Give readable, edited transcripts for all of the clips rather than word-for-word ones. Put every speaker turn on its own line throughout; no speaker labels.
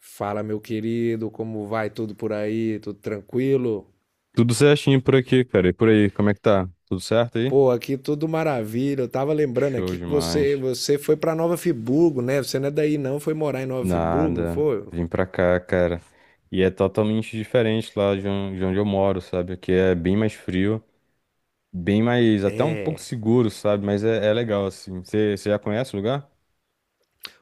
Fala, meu querido, como vai tudo por aí? Tudo tranquilo?
Tudo certinho por aqui, cara. E por aí, como é que tá? Tudo certo aí?
Pô, aqui tudo maravilha. Eu tava lembrando
Show
aqui que você
demais.
você foi pra Nova Friburgo, né? Você não é daí não, foi morar em Nova Friburgo, não
Nada.
foi?
Vim pra cá, cara. E é totalmente diferente lá de onde eu moro, sabe? Aqui é bem mais frio, bem mais, até um pouco
É.
seguro, sabe? Mas é legal, assim. Você já conhece o lugar?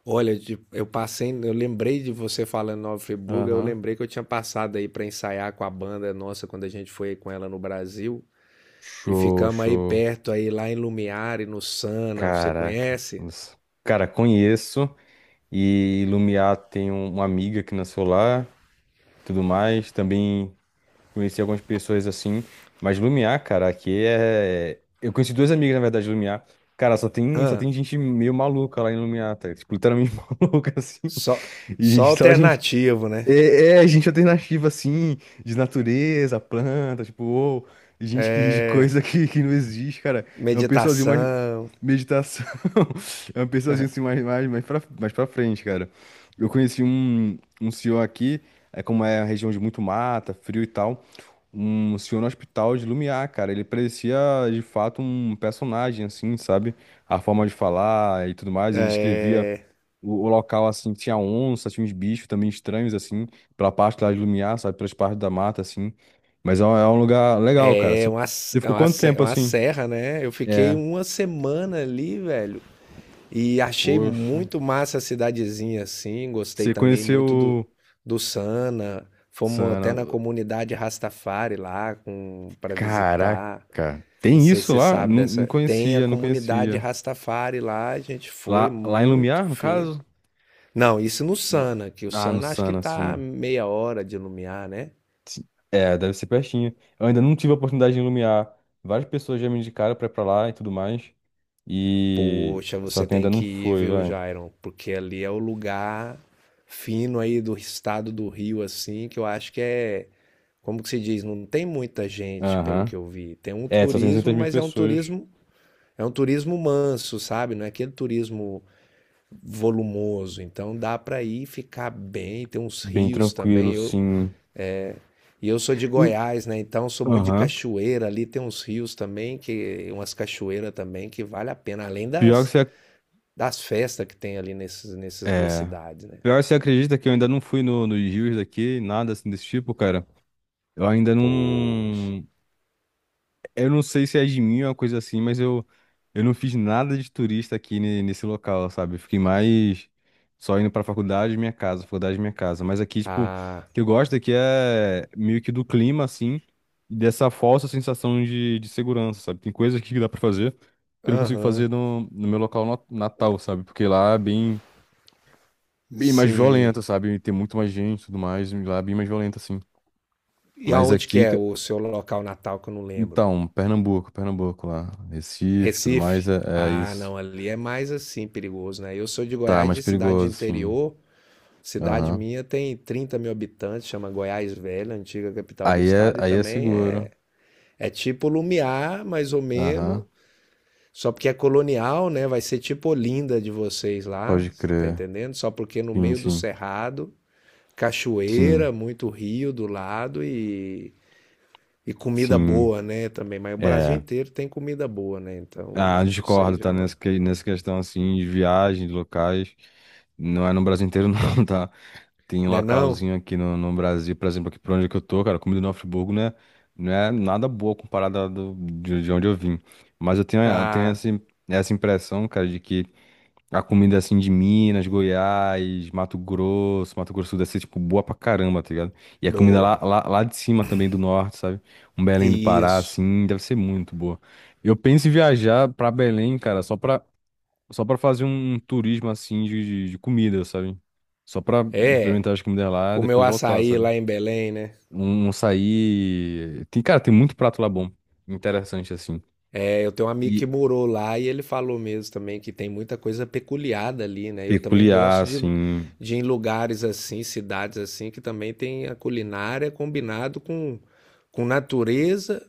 Olha, eu passei, eu lembrei de você falando Nova Friburgo, eu
Aham.
lembrei que eu tinha passado aí pra ensaiar com a banda nossa quando a gente foi com ela no Brasil e
Show,
ficamos aí
show.
perto aí lá em Lumiar e no Sana, você
Caraca.
conhece?
Nossa. Cara, conheço. E Lumiar tem uma amiga que nasceu lá, tudo mais. Também. Conheci algumas pessoas assim, mas Lumiar, cara, aqui é. Eu conheci duas amigas, na verdade, de Lumiar. Cara, só
Ah,
tem gente meio maluca lá em Lumiar, tá? Tipo, literalmente maluca, assim.
só
E
só
gente, só gente.
alternativo, né?
Gente alternativa, assim, de natureza, planta, tipo, ou gente que ri de
É,
coisa que não existe, cara. É um pessoalzinho mais.
meditação.
Meditação. É um pessoalzinho assim, mais pra frente, cara. Eu conheci um senhor aqui, é como é a região de muito mata, frio e tal um senhor no hospital de Lumiar, cara. Ele parecia de fato um personagem, assim, sabe? A forma de falar e tudo mais. Ele descrevia
É,
o local, assim, tinha onça, tinha uns bichos também estranhos, assim, pela parte lá de Lumiar, sabe? Pelas partes da mata, assim. Mas é um lugar legal, cara.
é uma,
Você
é
ficou
uma,
quanto
é
tempo
uma
assim?
serra, né? Eu fiquei
É,
uma semana ali, velho, e achei
poxa.
muito massa a cidadezinha, assim. Gostei
Você
também muito do,
conheceu.
do Sana. Fomos até
Sana.
na comunidade Rastafari lá com, para visitar.
Caraca,
Não
tem
sei se
isso
você
lá?
sabe
Não
dessa. Tem a
conhecia, não
comunidade
conhecia.
Rastafari lá, a gente foi
Lá em
muito
Lumiar, no
fino.
caso?
Não, isso no
Lá-
Sana, que o
Ah, no
Sana acho que
Sana,
tá
sim.
meia hora de Lumiar, né?
Sim. É, deve ser pertinho. Eu ainda não tive a oportunidade de Lumiar. Várias pessoas já me indicaram pra ir pra lá e tudo mais. E.
Poxa,
Só
você
que
tem
ainda não
que ir,
foi,
viu,
vai.
Jairon? Porque ali é o lugar fino aí do estado do Rio, assim, que eu acho que é, como que se diz, não tem muita gente, pelo
Aham.
que eu vi. Tem um
É, só 600
turismo,
mil
mas
pessoas.
é um turismo manso, sabe? Não é aquele turismo volumoso. Então dá para ir e ficar bem, tem uns
Bem
rios também.
tranquilo,
Eu,
sim.
e eu sou de
E-
Goiás, né? Então sou muito de
Aham.
cachoeira ali, tem uns rios também que umas cachoeiras também que vale a pena, além
Pior que
das
você. Ac-
das festas que tem ali nesses, nessas duas
É.
cidades, né?
Pior que você acredita que eu ainda não fui nos rios daqui, nada assim desse tipo, cara. Eu ainda
Poxa.
não. Eu não sei se é de mim ou uma coisa assim, mas eu não fiz nada de turista aqui ne- nesse local, sabe? Eu fiquei mais só indo pra faculdade e minha casa, faculdade e minha casa. Mas aqui, tipo, o
Ah,
que eu gosto aqui é meio que do clima, assim, e dessa falsa sensação de segurança, sabe? Tem coisas aqui que dá pra fazer que eu não consigo fazer
aham,
no meu local na- natal, sabe? Porque lá é bem, bem mais violento,
sim.
sabe? Tem muito mais gente e tudo mais, e lá é bem mais violento, assim.
E
Mas
aonde que
aqui,
é o seu local natal que eu não lembro?
então, Pernambuco lá. Recife, tudo mais,
Recife?
é
Ah,
isso.
não, ali é mais assim perigoso, né? Eu sou de
Tá,
Goiás,
mais
de cidade de
perigoso, sim.
interior. Cidade
Aham.
minha tem 30 mil habitantes, chama Goiás Velha, antiga capital do estado, e
Aí é
também
seguro.
é, é tipo Lumiar, mais ou menos.
Aham.
Só porque é colonial, né? Vai ser tipo Olinda de vocês lá,
Pode
tá
crer.
entendendo? Só porque no
Sim,
meio do
sim.
cerrado, cachoeira,
Sim,
muito rio do lado e comida
sim.
boa, né? Também. Mas o Brasil
É.
inteiro tem comida boa, né?
Ah,
Então, isso aí
discordo,
já
tá?
é...
Nessa questão, assim, de viagem, de locais. Não é no Brasil inteiro, não, tá? Tem um
Né não?
localzinho aqui no Brasil, por exemplo, aqui por onde que eu tô, cara, a comida do Friburgo, né? Não é nada boa comparada de onde eu vim. Mas eu tenho
Ah,
essa, essa impressão, cara, de que a comida assim de Minas, Goiás, Mato Grosso, Mato Grosso do Sul, é tipo, boa pra caramba, tá ligado? E a comida
boa.
lá de cima também do norte, sabe? Um Belém do Pará,
Isso.
assim, deve ser muito boa. Eu penso em viajar pra Belém, cara, só pra fazer um turismo assim de comida, sabe? Só pra
É,
experimentar as comidas lá e
comeu
depois voltar,
açaí
sabe?
lá em Belém, né?
Um sair. Tem, cara, tem muito prato lá bom. Interessante, assim.
É, eu tenho um amigo que
E
morou lá e ele falou mesmo também que tem muita coisa peculiar ali, né? Eu também
peculiar,
gosto
assim.
de ir em lugares assim, cidades assim, que também tem a culinária combinado com natureza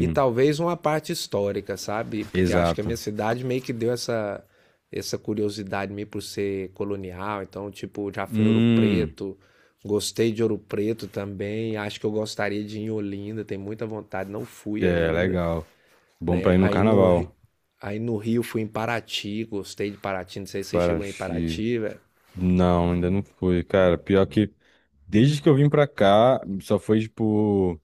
e talvez uma parte histórica, sabe? Porque acho que a minha
exato.
cidade meio que deu essa, essa curiosidade meio por ser colonial. Então, tipo, já fui em Ouro
Hum,
Preto, gostei de Ouro Preto também. Acho que eu gostaria de ir em Olinda, tenho muita vontade, não fui
é
ainda,
legal. Bom pra
né?
ir no carnaval.
Aí no Rio fui em Paraty, gostei de Paraty, não sei se você chegou em
Paraty.
Paraty, velho.
Não, ainda não foi. Cara, pior que desde que eu vim pra cá, só foi tipo.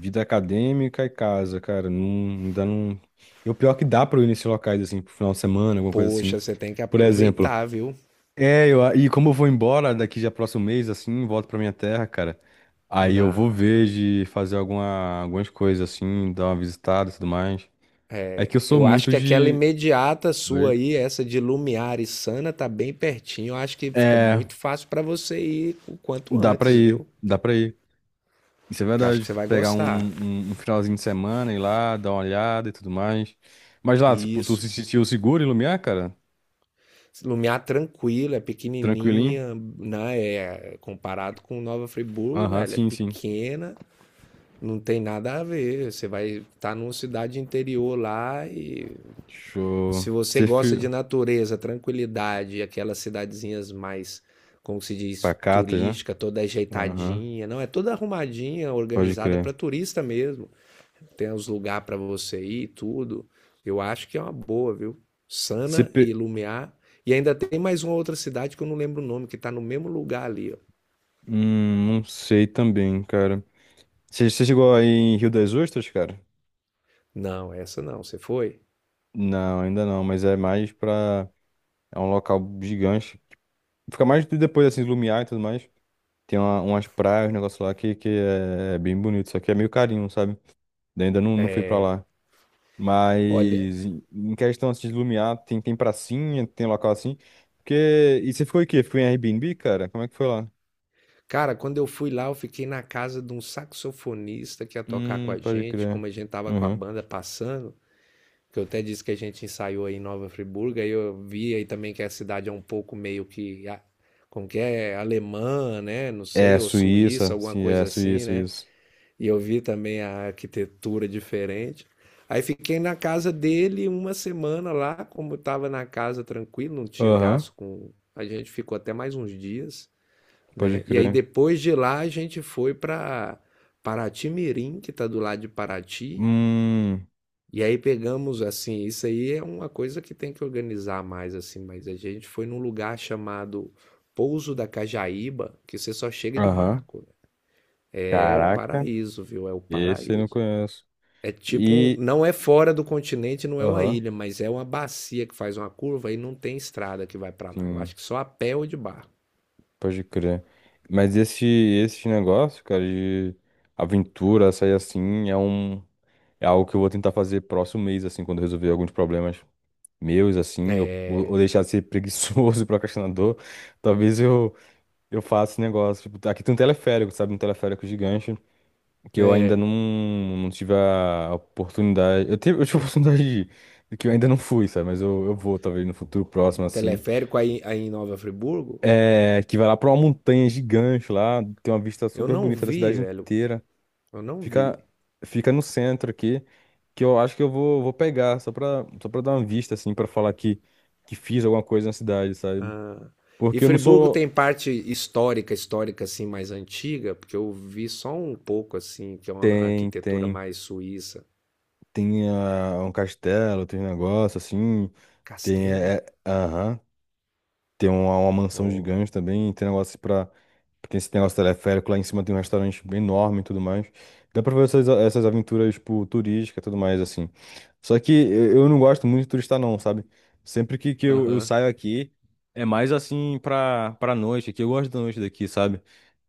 Vida acadêmica e casa, cara, não, ainda não. E o pior é que dá pra eu ir nesses locais, assim, pro final de semana, alguma coisa assim.
Poxa, você tem que
Por exemplo,
aproveitar, viu?
e como eu vou embora daqui já próximo mês, assim, volto pra minha terra, cara. Aí
Na...
eu vou ver de fazer algumas coisas, assim, dar uma visitada e tudo mais. É que eu sou
Eu acho
muito
que aquela
de.
imediata
Oi?
sua aí, essa de Lumiar e Sana, tá bem pertinho. Eu acho que fica
É,
muito fácil pra você ir o quanto antes, viu?
dá pra ir. Isso é
Que eu acho que você
verdade.
vai
Pegar
gostar.
um finalzinho de semana, ir lá, dar uma olhada e tudo mais. Mas lá, tipo, tu
Isso.
se sentiu seguro em Lumiar, cara?
Lumiar tranquila, é
Tranquilinho?
pequenininha, né? É, comparado com Nova Friburgo,
Aham,
velho, é
sim, sim.
pequena. Não tem nada a ver. Você vai estar tá numa cidade interior lá e
Show.
se você
Você
gosta
fi...
de natureza, tranquilidade, aquelas cidadezinhas mais, como se diz,
Pacatas, né?
turística, toda
Aham,
ajeitadinha, não é toda arrumadinha,
pode
organizada para
crer.
turista mesmo. Tem os lugares para você ir, e tudo. Eu acho que é uma boa, viu?
Você
Sana e
pe...
Lumiar. E ainda tem mais uma outra cidade que eu não lembro o nome, que está no mesmo lugar ali. Ó.
Não sei também, cara. Você chegou aí em Rio das Ostras, cara?
Não, essa não. Você foi?
Não, ainda não, mas é mais pra... É um local gigante. Fica mais de- depois, assim, do Lumiar e tudo mais. Tem uma- umas praias, um negócio lá que é, é bem bonito, só que é meio carinho, sabe? Daí ainda não, não fui pra lá.
Olha,
Mas em questão assim, de Lumiar, tem pracinha, tem local assim. Porque. E você ficou em quê? Ficou em Airbnb, cara? Como é que foi lá?
cara, quando eu fui lá, eu fiquei na casa de um saxofonista que ia tocar com a
Pode
gente,
crer.
como a gente tava com a
Uhum.
banda passando, que eu até disse que a gente ensaiou aí em Nova Friburgo, aí eu vi aí também que a cidade é um pouco meio que, como que é, alemã, né? Não
É,
sei, ou suíça,
Suíça.
alguma
Sim, é
coisa assim,
Suíça,
né?
isso.
E eu vi também a arquitetura diferente. Aí fiquei na casa dele uma semana lá, como eu tava na casa tranquilo, não tinha
Aham,
gasto com... A gente ficou até mais uns dias,
pode
né? E aí
crer.
depois de lá a gente foi para Paraty Mirim, que está do lado de Paraty.
Hum,
E aí pegamos assim, isso aí é uma coisa que tem que organizar mais assim, mas a gente foi num lugar chamado Pouso da Cajaíba, que você só chega de
aham.
barco, né? É o
Caraca.
paraíso, viu? É o
Esse eu não
paraíso.
conheço.
É tipo,
E.
não é fora do continente, não é uma
Aham,
ilha, mas é uma bacia que faz uma curva e não tem estrada que vai para lá. Eu acho
sim,
que só a pé ou de barco.
pode crer. Mas esse negócio, cara, de aventura, sair assim, é um. É algo que eu vou tentar fazer próximo mês, assim, quando eu resolver alguns problemas meus, assim, ou
É,
deixar de ser preguiçoso e procrastinador. Talvez eu, eu faça esse negócio. Tipo, aqui tem um teleférico, sabe? Um teleférico gigante, que eu ainda
é,
não, não tive a oportunidade. Eu tive a oportunidade de ir, de que eu ainda não fui, sabe? Mas eu vou, talvez, no futuro próximo, assim.
teleférico aí, aí em Nova Friburgo,
É, que vai lá pra uma montanha gigante lá, tem uma vista
eu
super
não
bonita da
vi,
cidade
velho.
inteira.
Eu não
Fica,
vi.
fica no centro aqui, que eu acho que vou pegar, só pra dar uma vista, assim, pra falar que fiz alguma coisa na cidade, sabe?
E
Porque eu não
Friburgo
sou.
tem parte histórica, histórica assim mais antiga, porque eu vi só um pouco assim, que é uma
Tem,
arquitetura
tem.
mais suíça.
Tem ah, um castelo, tem um negócio assim. Tem.
Castelo?
Aham. Tem uma mansão
Ó.
gigante também, tem negócio pra. Tem esse negócio teleférico, lá em cima tem um restaurante bem enorme e tudo mais. Dá pra ver essas, essas aventuras, tipo, turísticas e tudo mais, assim. Só que eu não gosto muito de turista, não, sabe? Sempre que eu
Aham.
saio aqui, é mais assim pra noite, que eu gosto da noite daqui, sabe?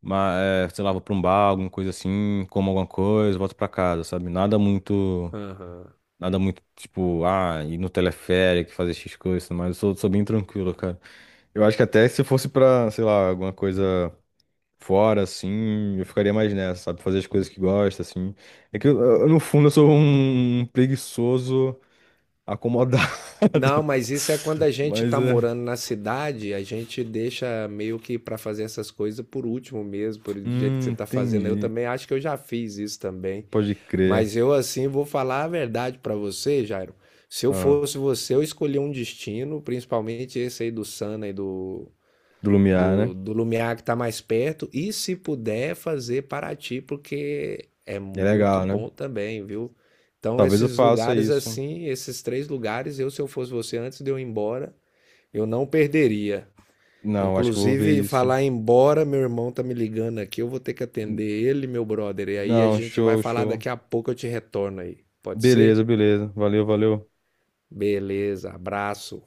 Mas, é, sei lá, vou pra um bar, alguma coisa assim, como alguma coisa, volto pra casa, sabe? Nada muito.
Aham.
Nada muito, tipo, ah, ir no teleférico, fazer X coisas, mas sou bem tranquilo, cara. Eu acho que até se fosse pra, sei lá, alguma coisa fora, assim, eu ficaria mais nessa, sabe? Fazer as coisas que gosta, assim. É que, no fundo, eu sou um preguiçoso acomodado.
Não, mas isso é quando a gente
Mas
tá
é.
morando na cidade, a gente deixa meio que pra fazer essas coisas por último mesmo, por do jeito que você tá fazendo. Eu
Entendi.
também acho que eu já fiz isso também.
Pode crer.
Mas eu, assim, vou falar a verdade pra você, Jairo. Se eu
Ah,
fosse você, eu escolhi um destino, principalmente esse aí do Sana e do,
do Lumiar, né?
do Lumiar, que tá mais perto. E se puder, fazer Paraty, porque é
É
muito
legal, né?
bom também, viu? Então,
Talvez eu
esses
faça
lugares
isso.
assim, esses três lugares, eu, se eu fosse você, antes de eu ir embora, eu não perderia.
Não, acho que eu vou ver
Inclusive,
isso.
falar embora, meu irmão tá me ligando aqui, eu vou ter que
N-
atender ele, meu brother. E aí a
Não,
gente vai
show,
falar
show.
daqui a pouco, eu te retorno aí. Pode ser?
Beleza, beleza. Valeu, valeu.
Beleza, abraço.